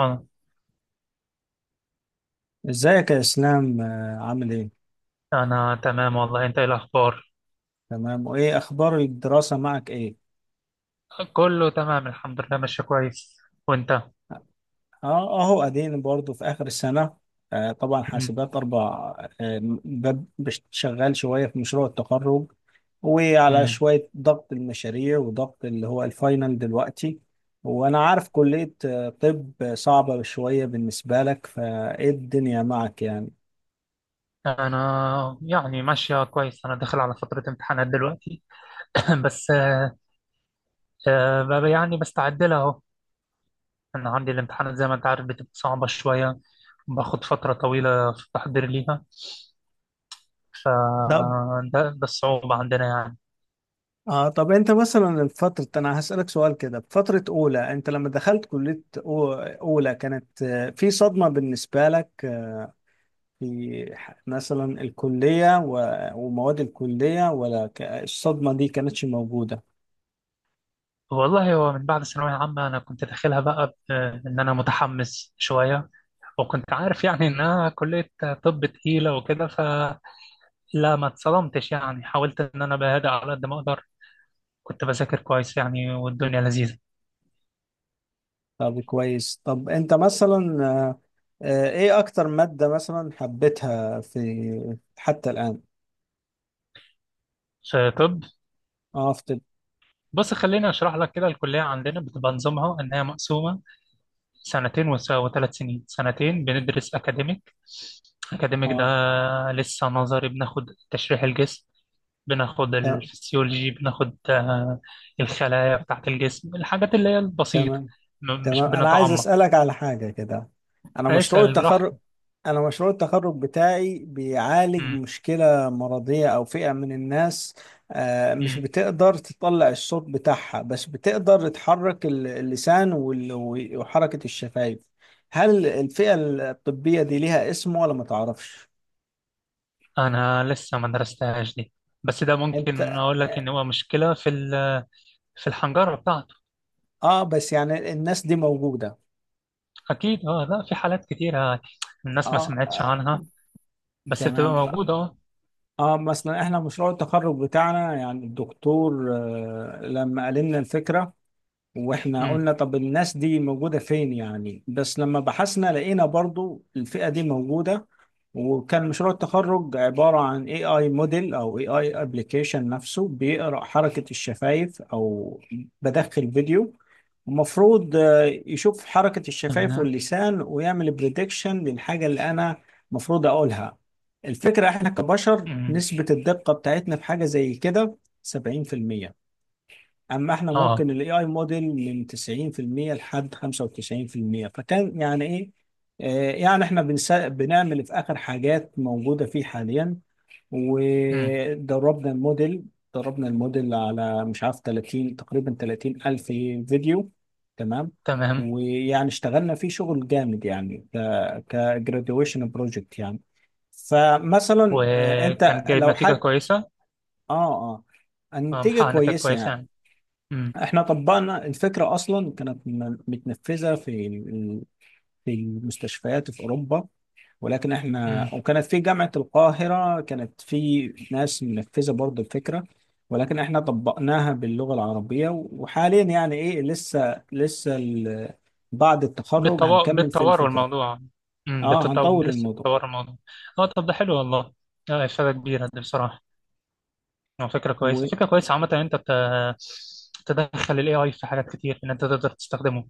أنا ازيك يا اسلام، عامل ايه؟ أنا تمام والله. أنت إيه الأخبار؟ تمام. وايه اخبار الدراسة معك ايه؟ كله تمام الحمد لله، ماشي كويس. وأنت؟ اه، اهو ادين برضو في اخر السنة. آه طبعا، مم. حاسبات اربع. آه شغال شوية في مشروع التخرج، وعلى مم. شوية ضغط المشاريع وضغط اللي هو الفاينل دلوقتي. وانا عارف كلية طب صعبة شوية بالنسبة لك، فايه الدنيا معك يعني؟ أنا يعني ماشية كويس. أنا داخل على فترة امتحانات دلوقتي. بس بقى يعني بستعد لها أهو. أنا عندي الامتحانات زي ما أنت عارف بتبقى صعبة شوية، باخد فترة طويلة في التحضير ليها. فده ده ده الصعوبة عندنا يعني. اه، طب انت مثلا فترة، انا هسألك سؤال كده. بفترة اولى انت لما دخلت كلية اولى، كانت في صدمة بالنسبة لك؟ مثلا الكلية و- ومواد الكلية، ولا الصدمة دي كانتش موجودة؟ والله هو من بعد ثانوية عامة أنا كنت داخلها بقى إن أنا متحمس شوية، وكنت عارف يعني انها كلية طب تقيلة وكده، فلا ما اتصدمتش يعني. حاولت ان انا بهدأ على قد ما اقدر، كنت بذاكر كويس يعني والدنيا لذيذة. طب كويس. طب انت مثلا ايه اكتر مادة مثلا حبيتها في حتى الآن؟ في طب. اه، في طب. بص، خليني اشرح لك كده. الكلية عندنا بتبقى نظامها ان هي مقسومة سنتين و3 سنين. سنتين بندرس اكاديميك. اكاديميك ده اه. لسه نظري. بناخد تشريح الجسم، بناخد ت- الفسيولوجي، بناخد الخلايا بتاعت الجسم، الحاجات اللي هي البسيطة. تمام. مش تمام، انا عايز بنتعمق. اسالك على حاجه كده. انا مشروع اسأل التخرج براحتك. انا مشروع التخرج بتاعي بيعالج مم. مشكله مرضيه، او فئه من الناس. مش مم. بتقدر تطلع الصوت بتاعها، بس بتقدر تحرك اللسان وحركه الشفايف. هل الفئه الطبيه دي ليها اسم، ولا ما تعرفش؟ أنا لسه ما درستهاش دي، بس ده ممكن انت أقول لك إن هو مشكلة في في الحنجرة بتاعته. اه، بس يعني الناس دي موجوده. أكيد، أه، لا، في حالات كتيرة الناس ما اه. سمعتش عنها، بس بتبقى تمام. موجودة. أه. اه، مثلا احنا مشروع التخرج بتاعنا يعني الدكتور لما قال لنا الفكره، واحنا مم. قلنا طب الناس دي موجودة فين يعني، بس لما بحثنا لقينا برضو الفئة دي موجودة. وكان مشروع التخرج عبارة عن AI موديل أو AI ابلكيشن، نفسه بيقرأ حركة الشفايف، أو بدخل فيديو. المفروض يشوف حركة الشفايف تمام. واللسان، ويعمل بريدكشن للحاجة اللي أنا مفروض أقولها. الفكرة إحنا كبشر، مم. نسبة الدقة بتاعتنا في حاجة زي كده 70%. اما احنا أه. ممكن الاي اي موديل من 90% لحد 95%، فكان يعني ايه. يعني احنا بنعمل في اخر حاجات موجوده فيه حاليا، مم. ودربنا الموديل دربنا الموديل على، مش عارف، 30 تقريبا 30 الف فيديو. تمام. تمام. ويعني اشتغلنا فيه شغل جامد يعني كجراديويشن بروجكت يعني. فمثلا، انت وكان جايب لو نتيجة حاجه. كويسة. اه، اه، النتيجه محقق نتائج كويسه كويسة يعني. يعني. مم. احنا طبقنا الفكرة، اصلا كانت متنفذة في المستشفيات في اوروبا. ولكن احنا، مم. وكانت في جامعة القاهرة كانت في ناس منفذة برضه الفكرة، ولكن احنا طبقناها باللغة العربية، وحاليا يعني ايه لسه بعد التخرج هنكمل في بالتوار الفكرة. الموضوع. مم. اه، هنطور لسه الموضوع. بتطور الموضوع. أه، طب ده حلو والله. إفادة كبيرة دي بصراحة. هو فكرة كويسة، فكرة كويسة عامة، إن أنت تدخل ال AI في حاجات كتير، إن أنت تقدر تستخدمه.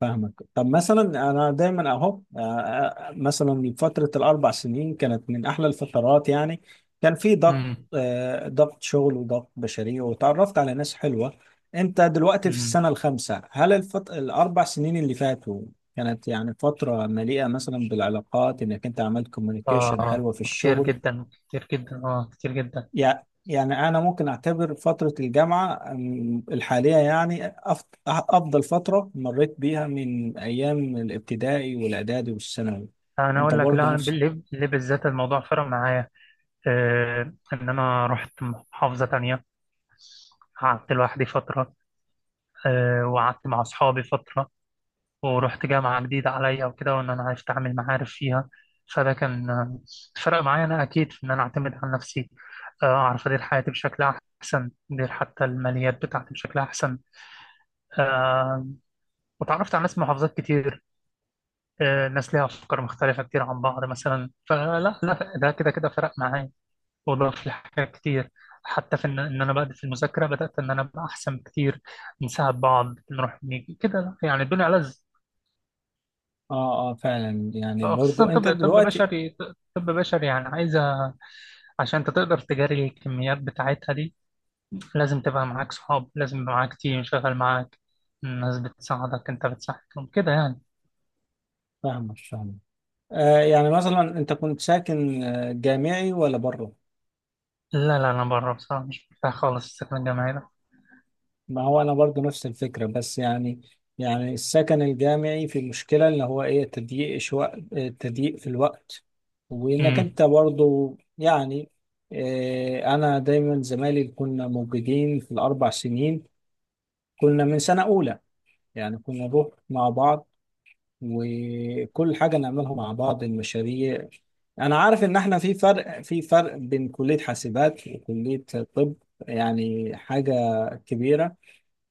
فاهمك. طب مثلا انا دايما اهو، مثلا فتره الاربع سنين كانت من احلى الفترات يعني. كان في ضغط، امم. ضغط شغل وضغط بشري، وتعرفت على ناس حلوه. انت دلوقتي في امم. السنه الخامسه، هل الاربع سنين اللي فاتوا كانت يعني فتره مليئه مثلا بالعلاقات، انك انت عملت كوميونيكيشن آه حلوه في كتير الشغل؟ جدا، كتير جدا، آه كتير جدا. يعني أنا ممكن أعتبر فترة الجامعة الحالية، يعني أفضل فترة مريت بيها من أيام الابتدائي والإعدادي والثانوي. أنا أنت أقول لك، برضه لا، أنا نفسك؟ ليه بالذات الموضوع فرق معايا. إن أنا رحت محافظة تانية، قعدت لوحدي فترة، وقعدت مع أصحابي فترة ورحت جامعة جديدة عليا وكده، وإن أنا أتعامل معارف فيها. فده كان فرق معايا. أنا أكيد في إن أنا أعتمد على نفسي، أعرف أدير حياتي بشكل أحسن، أدير حتى الماليات بتاعتي بشكل أحسن. آه، وتعرفت على ناس من محافظات كتير، ناس ليها أفكار مختلفة كتير عن بعض مثلا. فلا لا، ده كده كده فرق معايا وضاف لي حاجات كتير، حتى في إن أنا بدأت في المذاكرة. بدأت إن أنا أبقى أحسن بكتير، نساعد بعض، نروح، نيجي كده، لا، يعني الدنيا ألذ. آه، آه، فعلا، يعني خصوصا برضه أنت طب، طب دلوقتي. بشري. طب بشري يعني عايزة، عشان انت تقدر تجاري الكميات بتاعتها دي لازم تبقى معاك صحاب، لازم يبقى معاك تيم شغال معاك، الناس بتساعدك انت بتساعدهم كده يعني. فاهمك، فاهمك. يعني مثلا أنت كنت ساكن جامعي ولا بره؟ لا لا، انا بره بصراحة، مش مرتاح خالص السكن الجامعي ده. ما هو انا برضو نفس الفكره، بس يعني، يعني السكن الجامعي في مشكله اللي هو ايه، تضييق شوق، تضييق في الوقت، وانك امم. انت برضو يعني، انا دايما زمايلي كنا موجودين في الاربع سنين. كنا من سنه اولى، يعني كنا نروح مع بعض، وكل حاجه نعملها مع بعض، المشاريع. انا عارف ان احنا في فرق بين كليه حاسبات وكليه طب، يعني حاجه كبيره،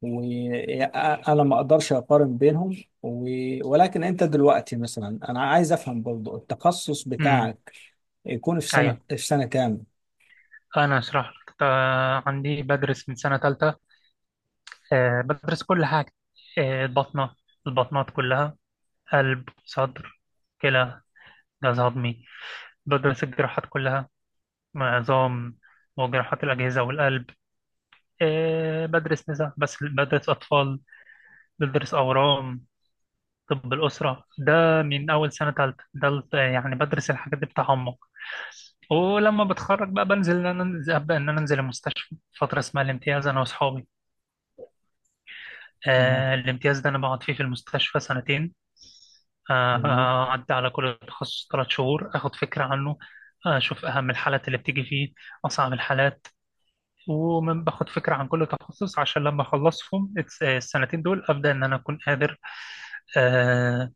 وانا ما اقدرش اقارن بينهم ولكن انت دلوقتي مثلا، انا عايز افهم برضو التخصص امم. بتاعك يكون في سنة ايوه، في سنة كام؟ انا اشرح لك. عندي بدرس من سنة تالتة. بدرس كل حاجة. البطنة، البطنات كلها، قلب، صدر، كلى، جهاز هضمي. بدرس الجراحات كلها، عظام وجراحات الأجهزة والقلب. بدرس نساء، بس بدرس أطفال، بدرس أورام، طب الأسرة ده من أول سنة تالتة. ده يعني بدرس الحاجات دي بتعمق. ولما بتخرج بقى بنزل إن أنا أنزل أبدأ إن أنا أنزل المستشفى فترة اسمها الامتياز أنا وأصحابي. اه. الامتياز ده أنا بقعد فيه في المستشفى سنتين. تمام. أعدي على كل تخصص 3 شهور، أخد فكرة عنه، أشوف أهم الحالات اللي بتيجي فيه، أصعب الحالات. ومن باخد فكرة عن كل تخصص، عشان لما أخلصهم السنتين دول أبدأ إن أنا أكون قادر، آه،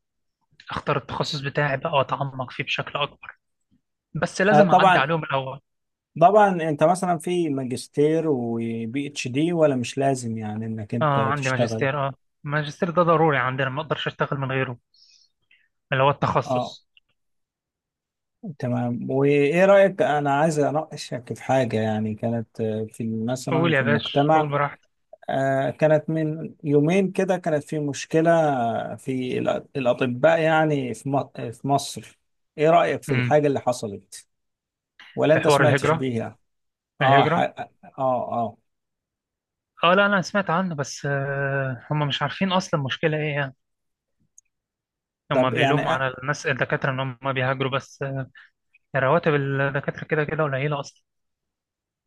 أختار التخصص بتاعي بقى وأتعمق فيه بشكل أكبر. بس آه لازم أعدي طبعا، عليهم الأول. طبعا انت مثلا في ماجستير وبي اتش دي، ولا مش لازم يعني انك آه، انت عندي تشتغل؟ ماجستير. آه. الماجستير ده ضروري عندنا، ما أقدرش أشتغل من غيره، اللي هو اه. التخصص. تمام. وايه رأيك، انا عايز اناقشك في حاجة يعني كانت في مثلا قول في يا باشا، قول المجتمع، براحتك. كانت من يومين كده كانت في مشكلة في الأطباء، يعني في مصر. إيه رأيك في امم. الحاجة اللي حصلت، ولا في أنت حوار سمعتش الهجرة. بيها؟ آه. ح... الهجرة. آه آه آه، لا، أنا سمعت عنه، بس هم مش عارفين أصلا مشكلة إيه يعني. طب هم يعني بيلوموا على الناس الدكاترة إن هم بيهاجروا، بس رواتب الدكاترة كده كده قليلة أصلا.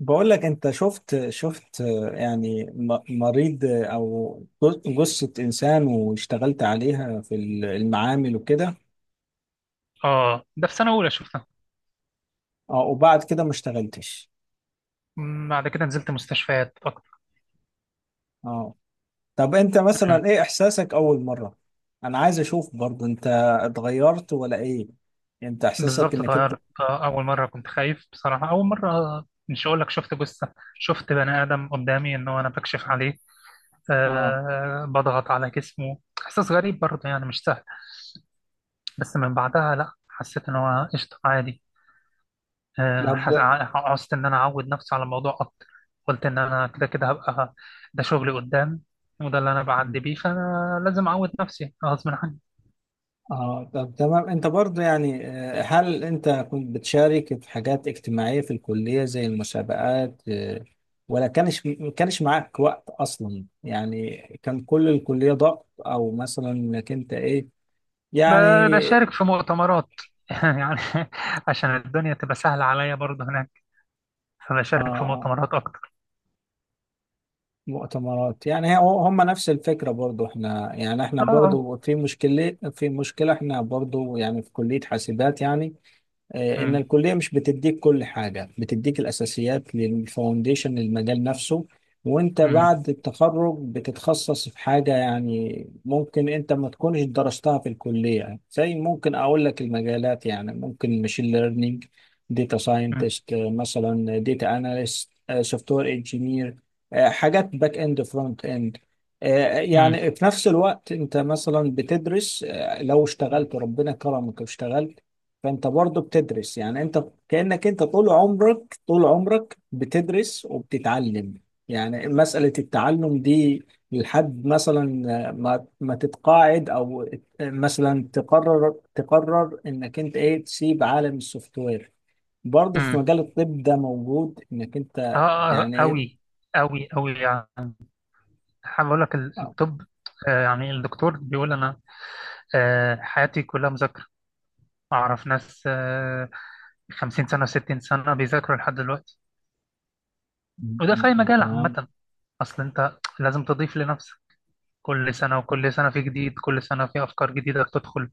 بقول لك، أنت شفت يعني مريض، أو جثة إنسان، واشتغلت عليها في المعامل وكده. اه، ده في سنة أولى شفتها. آه، وبعد كده ما اشتغلتش. بعد كده نزلت مستشفيات أكتر. آه، طب انت مم. مثلا ايه احساسك اول مرة؟ انا عايز اشوف برضو انت، اتغيرت ولا ايه؟ انت احساسك بالظبط انك انت. اتغيرت. أول مرة كنت خايف بصراحة. أول مرة مش هقول لك شفت جثة، شفت بني آدم قدامي إن هو أنا بكشف عليه، اه. بضغط على جسمه. إحساس غريب برضه يعني، مش سهل. بس من بعدها لأ، حسيت إن هو قشطة، عادي. طب. عوزت إن أنا أعود نفسي على الموضوع أكتر. قلت إن أنا كده كده هبقى ده شغلي قدام، وده اللي أنا بعدي بيه، فأنا لازم أعود نفسي غصب عني. اه. طب تمام. انت برضو يعني، هل انت كنت بتشارك في حاجات اجتماعية في الكلية زي المسابقات، ولا كانش معاك وقت اصلا يعني؟ كان كل الكلية ضغط، او مثلا انك انت ايه، يعني. بشارك في مؤتمرات يعني، عشان الدنيا تبقى سهلة عليا برضه هناك، فبشارك في اه، مؤتمرات أكتر. مؤتمرات يعني هم نفس الفكرة. برضو احنا يعني احنا آه. برضو في مشكلة احنا برضو يعني في كلية حاسبات يعني، إن أمم، الكلية مش بتديك كل حاجة، بتديك الأساسيات للفاونديشن للمجال نفسه. وأنت أمم، بعد التخرج بتتخصص في حاجة يعني، ممكن أنت ما تكونش درستها في الكلية، زي ممكن أقول لك المجالات يعني، ممكن ماشين ليرنينج، داتا أمم، ساينتست، مثلا داتا أناليست، سوفت وير انجينير، حاجات باك إند فرونت إند. أمم، يعني في نفس الوقت انت مثلا بتدرس، لو اشتغلت ربنا كرمك واشتغلت، فانت برضه بتدرس يعني، انت كأنك انت طول عمرك طول عمرك بتدرس وبتتعلم، يعني مسألة التعلم دي لحد مثلا ما تتقاعد، او مثلا تقرر انك انت ايه تسيب عالم السوفت وير. برضه في أمم. مجال الطب ده موجود، انك انت آه يعني ايه. أوي، أوي أوي يعني. حابب أقول لك آه، الطب، يعني الدكتور بيقول أنا حياتي كلها مذاكرة. أعرف ناس 50 سنة 60 سنة بيذاكروا لحد دلوقتي. وده في أي مجال تمام. عامة. أصل أنت لازم تضيف لنفسك، كل سنة وكل سنة في جديد، كل سنة في أفكار جديدة بتدخل،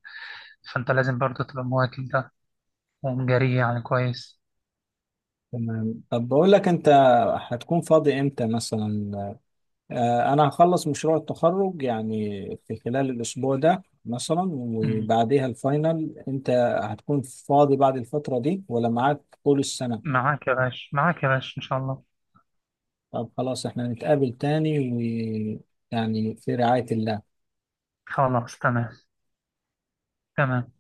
فأنت لازم برضه تبقى مواكب ده ومجري، يعني كويس. تمام، طب بقول لك انت، هتكون فاضي امتى مثلا؟ أنا هخلص مشروع التخرج يعني في خلال الأسبوع ده مثلا، مم. وبعديها الفاينل. أنت هتكون فاضي بعد الفترة دي ولا معاك طول السنة؟ معاك يا باشا، معاك يا باشا إن شاء الله. طب خلاص، إحنا نتقابل تاني، ويعني في رعاية الله. خلاص تمام. تمام.